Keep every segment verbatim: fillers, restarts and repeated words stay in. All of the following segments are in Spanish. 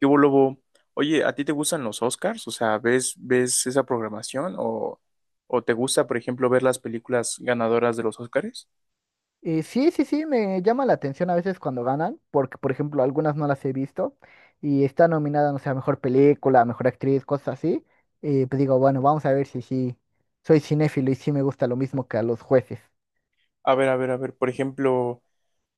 ¿Qué hubo, Lobo? Oye, ¿a ti te gustan los Oscars? O sea, ¿ves, ves esa programación? ¿O, o te gusta, por ejemplo, ver las películas ganadoras de los Oscars? Eh, sí, sí, sí, me llama la atención a veces cuando ganan, porque por ejemplo algunas no las he visto y está nominada, no sé, a mejor película, a mejor actriz, cosas así. Eh, pues digo, bueno, vamos a ver si sí soy cinéfilo y sí me gusta lo mismo que a los jueces. A ver, a ver, a ver, por ejemplo,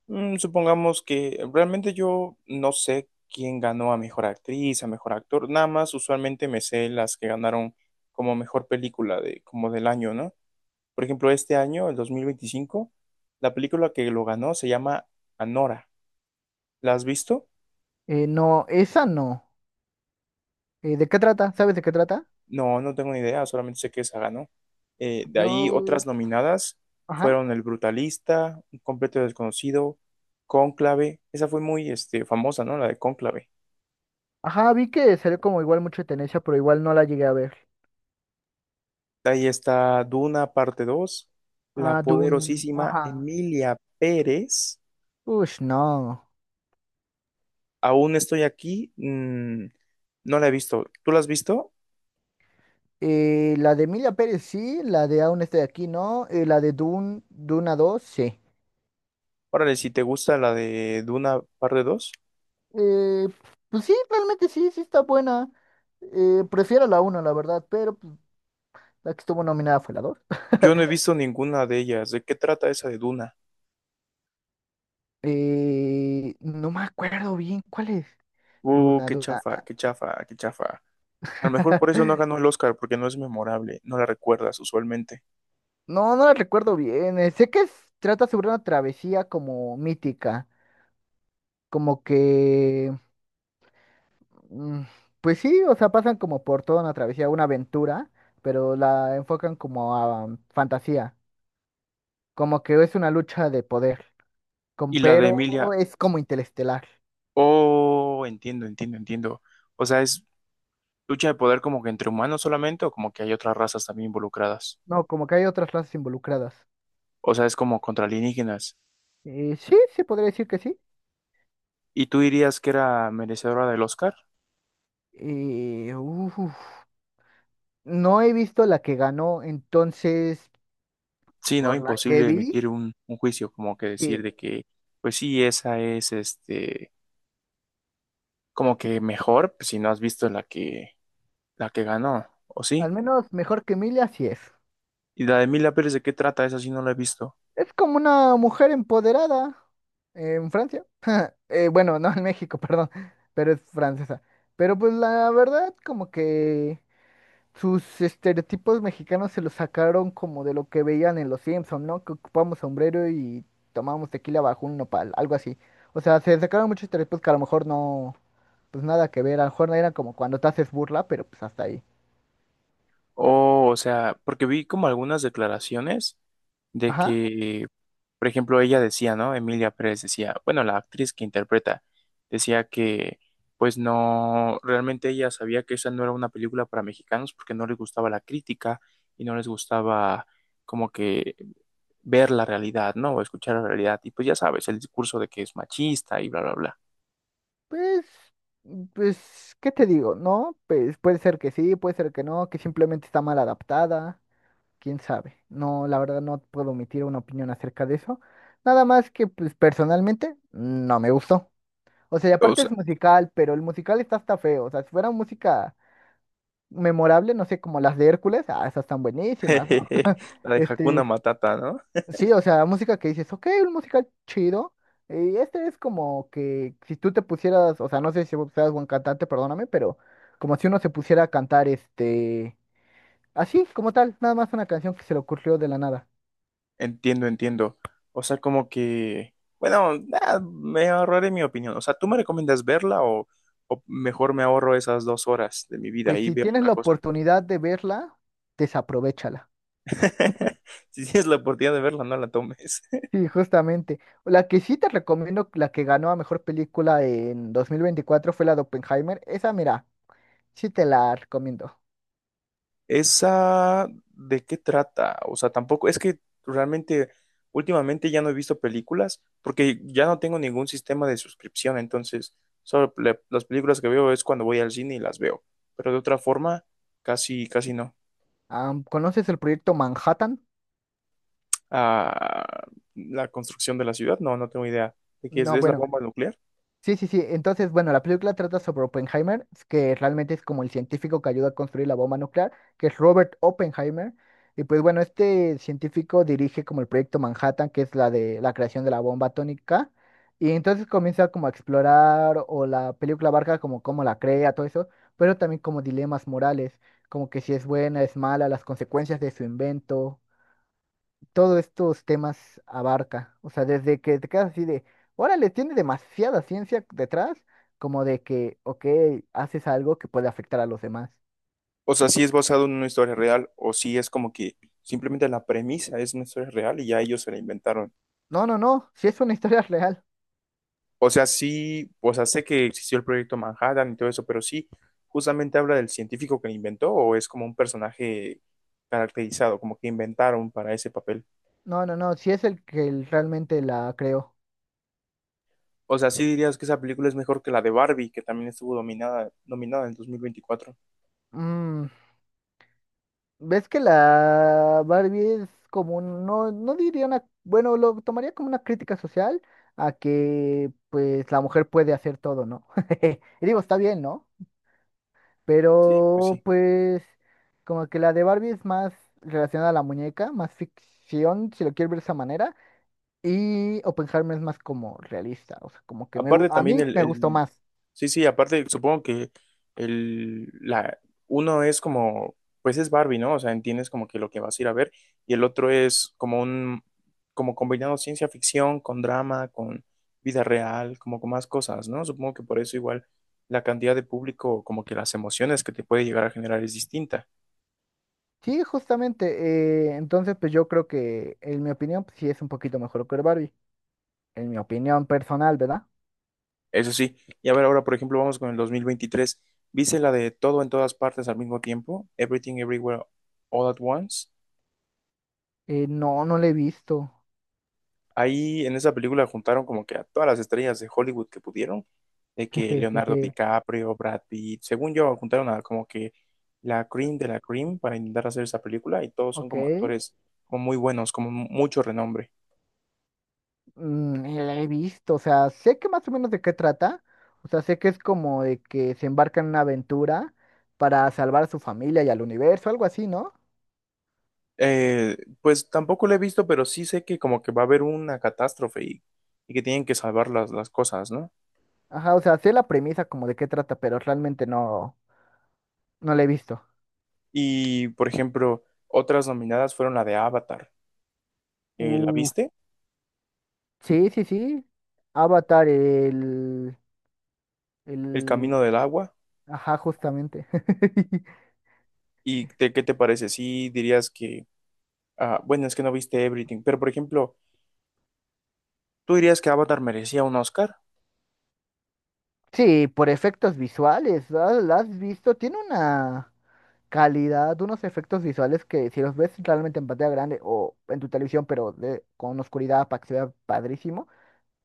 mm, supongamos que realmente yo no sé quién ganó a mejor actriz, a mejor actor, nada más usualmente me sé las que ganaron como mejor película de, como del año, ¿no? Por ejemplo, este año, el dos mil veinticinco, la película que lo ganó se llama Anora. ¿La has visto? Eh, no, esa no. Eh, ¿de qué trata? ¿Sabes de qué trata? No, no tengo ni idea, solamente sé que esa ganó. Eh, de ahí Yo, otras nominadas ajá, fueron El Brutalista, Un Completo Desconocido, Cónclave, esa fue muy este, famosa, ¿no? La de Cónclave. ajá, vi que salió como igual mucho de tendencia, pero igual no la llegué a ver. De ahí está Duna, parte dos, la Ah, Dune, poderosísima ajá. Emilia Pérez. Ush, no. Aún estoy aquí, mm, no la he visto. ¿Tú la has visto? Eh, la de Emilia Pérez sí, la de Aún estoy aquí no, eh, la de Dune, Duna dos sí. Órale, si te gusta la de Duna, parte dos. Eh, pues sí, realmente sí, sí está buena. Eh, prefiero la uno la verdad, pero pues, la que estuvo nominada fue la dos. Yo no he visto ninguna de ellas. ¿De qué trata esa de Duna? Eh, no me acuerdo bien cuál es. Uh, Duna, qué Duna. chafa, qué chafa, qué chafa. A lo mejor por eso no ganó el Oscar, porque no es memorable, no la recuerdas usualmente. No, no la recuerdo bien. eh, Sé que es- trata sobre una travesía como mítica, como que. Mm. Pues sí, o sea, pasan como por toda una travesía, una aventura, pero la enfocan como a um, fantasía, como que es una lucha de poder, con, Y la de pero Emilia, es como interestelar, oh, entiendo, entiendo, entiendo. O sea, es lucha de poder como que entre humanos solamente o como que hay otras razas también involucradas. no, como que hay otras razas involucradas. O sea, es como contra alienígenas. Eh, sí, sí, podría decir que sí. ¿Y tú dirías que era merecedora del Oscar? Eh, uf, no he visto la que ganó, entonces, Sí, ¿no? por la que Imposible vi, emitir un, un juicio, como que decir sí, de que, pues sí, esa es este, como que mejor, pues, si no has visto la que, la que ganó, ¿o al sí? menos mejor que Emilia sí es. ¿Y la de Emilia Pérez de qué trata? Esa sí no la he visto. Es como una mujer empoderada en Francia. Eh, bueno, no en México, perdón, pero es francesa. Pero pues la verdad, como que sus estereotipos mexicanos se los sacaron como de lo que veían en los Simpson, ¿no? Que ocupamos sombrero y tomábamos tequila bajo un nopal, algo así. O sea, se sacaron muchos estereotipos que a lo mejor no, pues nada que ver, a lo mejor no era como cuando te haces burla, pero pues hasta ahí. Oh, o sea, porque vi como algunas declaraciones de Ajá, que, por ejemplo, ella decía, ¿no? Emilia Pérez decía, bueno, la actriz que interpreta, decía que, pues no, realmente ella sabía que esa no era una película para mexicanos porque no les gustaba la crítica y no les gustaba como que ver la realidad, ¿no? O escuchar la realidad. Y pues ya sabes, el discurso de que es machista y bla, bla, bla. pues, pues, ¿qué te digo? ¿No? Pues puede ser que sí, puede ser que no, que simplemente está mal adaptada. Quién sabe. No, la verdad no puedo emitir una opinión acerca de eso. Nada más que, pues, personalmente, no me gustó. O sea, y O aparte es sea, musical, pero el musical está hasta feo. O sea, si fuera música memorable, no sé, como las de Hércules, ah, esas están buenísimas, ¿no? la de Hakuna Este, Matata, ¿no? sí, o sea, música que dices, ok, un musical chido. Y este es como que si tú te pusieras, o sea, no sé si vos seas buen cantante, perdóname, pero como si uno se pusiera a cantar, este, así, como tal, nada más una canción que se le ocurrió de la nada. Entiendo, entiendo. O sea, como que, bueno, nah, me ahorraré mi opinión. O sea, ¿tú me recomiendas verla o, o mejor me ahorro esas dos horas de mi vida Pues y si veo tienes otra la cosa? oportunidad de verla, desaprovechala. Si tienes la oportunidad de verla, no la tomes. Sí, justamente. La que sí te recomiendo, la que ganó a mejor película en dos mil veinticuatro fue la de Oppenheimer. Esa, mira, sí te la recomiendo. ¿Esa de qué trata? O sea, tampoco, es que realmente últimamente ya no he visto películas porque ya no tengo ningún sistema de suscripción, entonces solo le- las películas que veo es cuando voy al cine y las veo, pero de otra forma, casi, casi no. Am, ¿conoces el proyecto Manhattan? A la construcción de la ciudad. No, no tengo idea de qué es. No, ¿Es la bueno, bomba nuclear? sí, sí, sí. Entonces, bueno, la película trata sobre Oppenheimer, que realmente es como el científico que ayuda a construir la bomba nuclear, que es Robert Oppenheimer. Y pues bueno, este científico dirige como el proyecto Manhattan, que es la de la creación de la bomba atómica. Y entonces comienza como a explorar, o la película abarca como cómo la crea, todo eso, pero también como dilemas morales, como que si es buena, es mala, las consecuencias de su invento, todos estos temas abarca. O sea, desde que te quedas así de, órale, tiene demasiada ciencia detrás, como de que, ok, haces algo que puede afectar a los demás. O sea, si es basado en una historia real o si es como que simplemente la premisa es una historia real y ya ellos se la inventaron. No, no, no, si es una historia real. O sea, sí, o sea, sé que existió el proyecto Manhattan y todo eso, pero sí, justamente habla del científico que lo inventó o es como un personaje caracterizado, como que inventaron para ese papel. No, no, no, si es el que el- realmente la creó. O sea, sí dirías que esa película es mejor que la de Barbie, que también estuvo dominada, nominada en dos mil veinticuatro. Mm, ¿ves que la Barbie es como, un- no, no diría una, bueno, lo tomaría como una crítica social a que, pues, la mujer puede hacer todo, ¿no? Y digo, está bien, ¿no? Sí, pues Pero sí. pues como que la de Barbie es más relacionada a la muñeca, más ficción, si lo quieres ver de esa manera. Y Oppenheimer es más como realista, o sea, como que me, gu- Aparte a también mí el, me gustó el- más. sí, sí, aparte supongo que el, la, uno es como, pues es Barbie, ¿no? O sea, entiendes como que lo que vas a ir a ver y el otro es como un, como combinado ciencia ficción con drama, con vida real, como con más cosas, ¿no? Supongo que por eso igual la cantidad de público, como que las emociones que te puede llegar a generar es distinta. Sí, justamente. Eh, entonces pues yo creo que en mi opinión pues, sí es un poquito mejor que Barbie. En mi opinión personal, ¿verdad? Eso sí, y a ver, ahora por ejemplo vamos con el dos mil veintitrés. ¿Viste la de todo en todas partes al mismo tiempo? Everything Everywhere All at Once. Eh, no, no la he visto. Ahí en esa película juntaron como que a todas las estrellas de Hollywood que pudieron, de que Leonardo DiCaprio, Brad Pitt, según yo, juntaron a como que la cream de la cream para intentar hacer esa película y todos son Ok. como actores como muy buenos, como mucho renombre. Mm, eh, la he visto, o sea, sé que más o menos de qué trata, o sea, sé que es como de que se embarcan en una aventura para salvar a su familia y al universo, algo así, ¿no? Eh, pues tampoco lo he visto, pero sí sé que como que va a haber una catástrofe y, y que tienen que salvar las, las cosas, ¿no? Ajá, o sea, sé la premisa como de qué trata, pero realmente no, no la he visto. Y por ejemplo, otras nominadas fueron la de Avatar. Eh, ¿la Uh, viste? sí, sí, sí, Avatar, el, El el, Camino del Agua. ajá, justamente. ¿Y te- qué te parece? ¿Sí dirías que ah, bueno, es que no viste Everything, pero por ejemplo, ¿tú dirías que Avatar merecía un Oscar? Sí, por efectos visuales, ¿la la has visto? Tiene una calidad, unos efectos visuales que si los ves realmente en pantalla grande o en tu televisión, pero de- con oscuridad para que se vea padrísimo,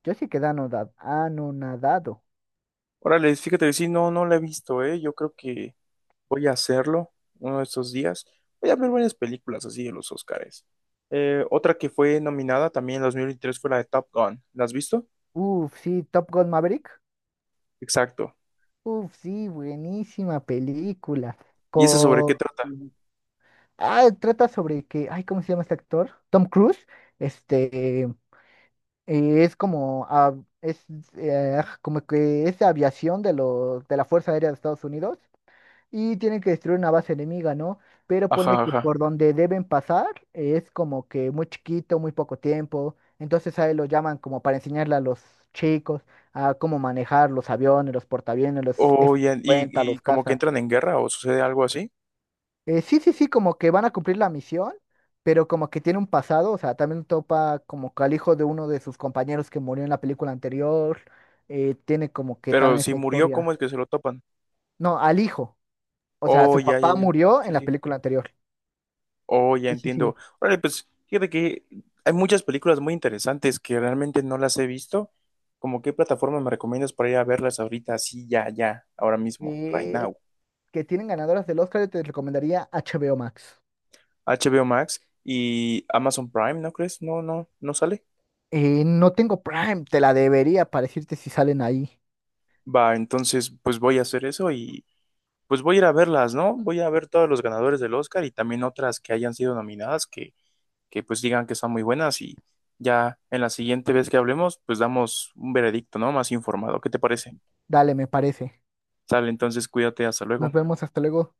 yo sí quedé anoda- anonadado. Órale, fíjate, sí, no, no la he visto, ¿eh? Yo creo que voy a hacerlo uno de estos días. Voy a ver varias películas así de los Oscars. Eh, otra que fue nominada también en dos mil veintitrés fue la de Top Gun. ¿La has visto? Uf, sí, Top Gun Maverick. Exacto. Uf, sí, buenísima película. ¿Y esa sobre Con... qué trata? Ah, trata sobre que, ay, ¿cómo se llama este actor? Tom Cruise. Este, eh, es como, ah, es eh, como que es de aviación de, los de la Fuerza Aérea de Estados Unidos y tienen que destruir una base enemiga, ¿no? Pero Ajá, pone que ajá. por donde deben pasar eh, es como que muy chiquito, muy poco tiempo. Entonces ahí lo llaman como para enseñarle a los chicos a cómo manejar los aviones, los portaaviones, los O, y, y, F cincuenta, y los como que cazas. entran en guerra o sucede algo así. Eh, sí, sí, sí, como que van a cumplir la misión, pero como que tiene un pasado, o sea, también topa como que al hijo de uno de sus compañeros que murió en la película anterior, eh, tiene como que Pero también si esa murió, ¿cómo historia. es que se lo topan? No, al hijo, o sea, Oh, su ya, ya, papá ya. murió en Sí, la sí. película anterior. Oh, ya Sí, sí, sí. entiendo. Órale, pues fíjate que hay muchas películas muy interesantes que realmente no las he visto. ¿Cómo qué plataforma me recomiendas para ir a verlas ahorita, así, ya, ya, ahora mismo, right eh, now? que tienen ganadoras del Oscar, yo te recomendaría H B O Max. H B O Max y Amazon Prime, ¿no crees? No, no, no sale. Eh, no tengo Prime, te la debería para decirte si salen ahí. Va, entonces, pues voy a hacer eso y pues voy a ir a verlas, ¿no? Voy a ver todos los ganadores del Oscar y también otras que hayan sido nominadas que, que pues digan que son muy buenas y ya en la siguiente vez que hablemos, pues damos un veredicto, ¿no? Más informado. ¿Qué te parece? Dale, me parece. Sale, entonces cuídate, hasta Nos luego. vemos, hasta luego.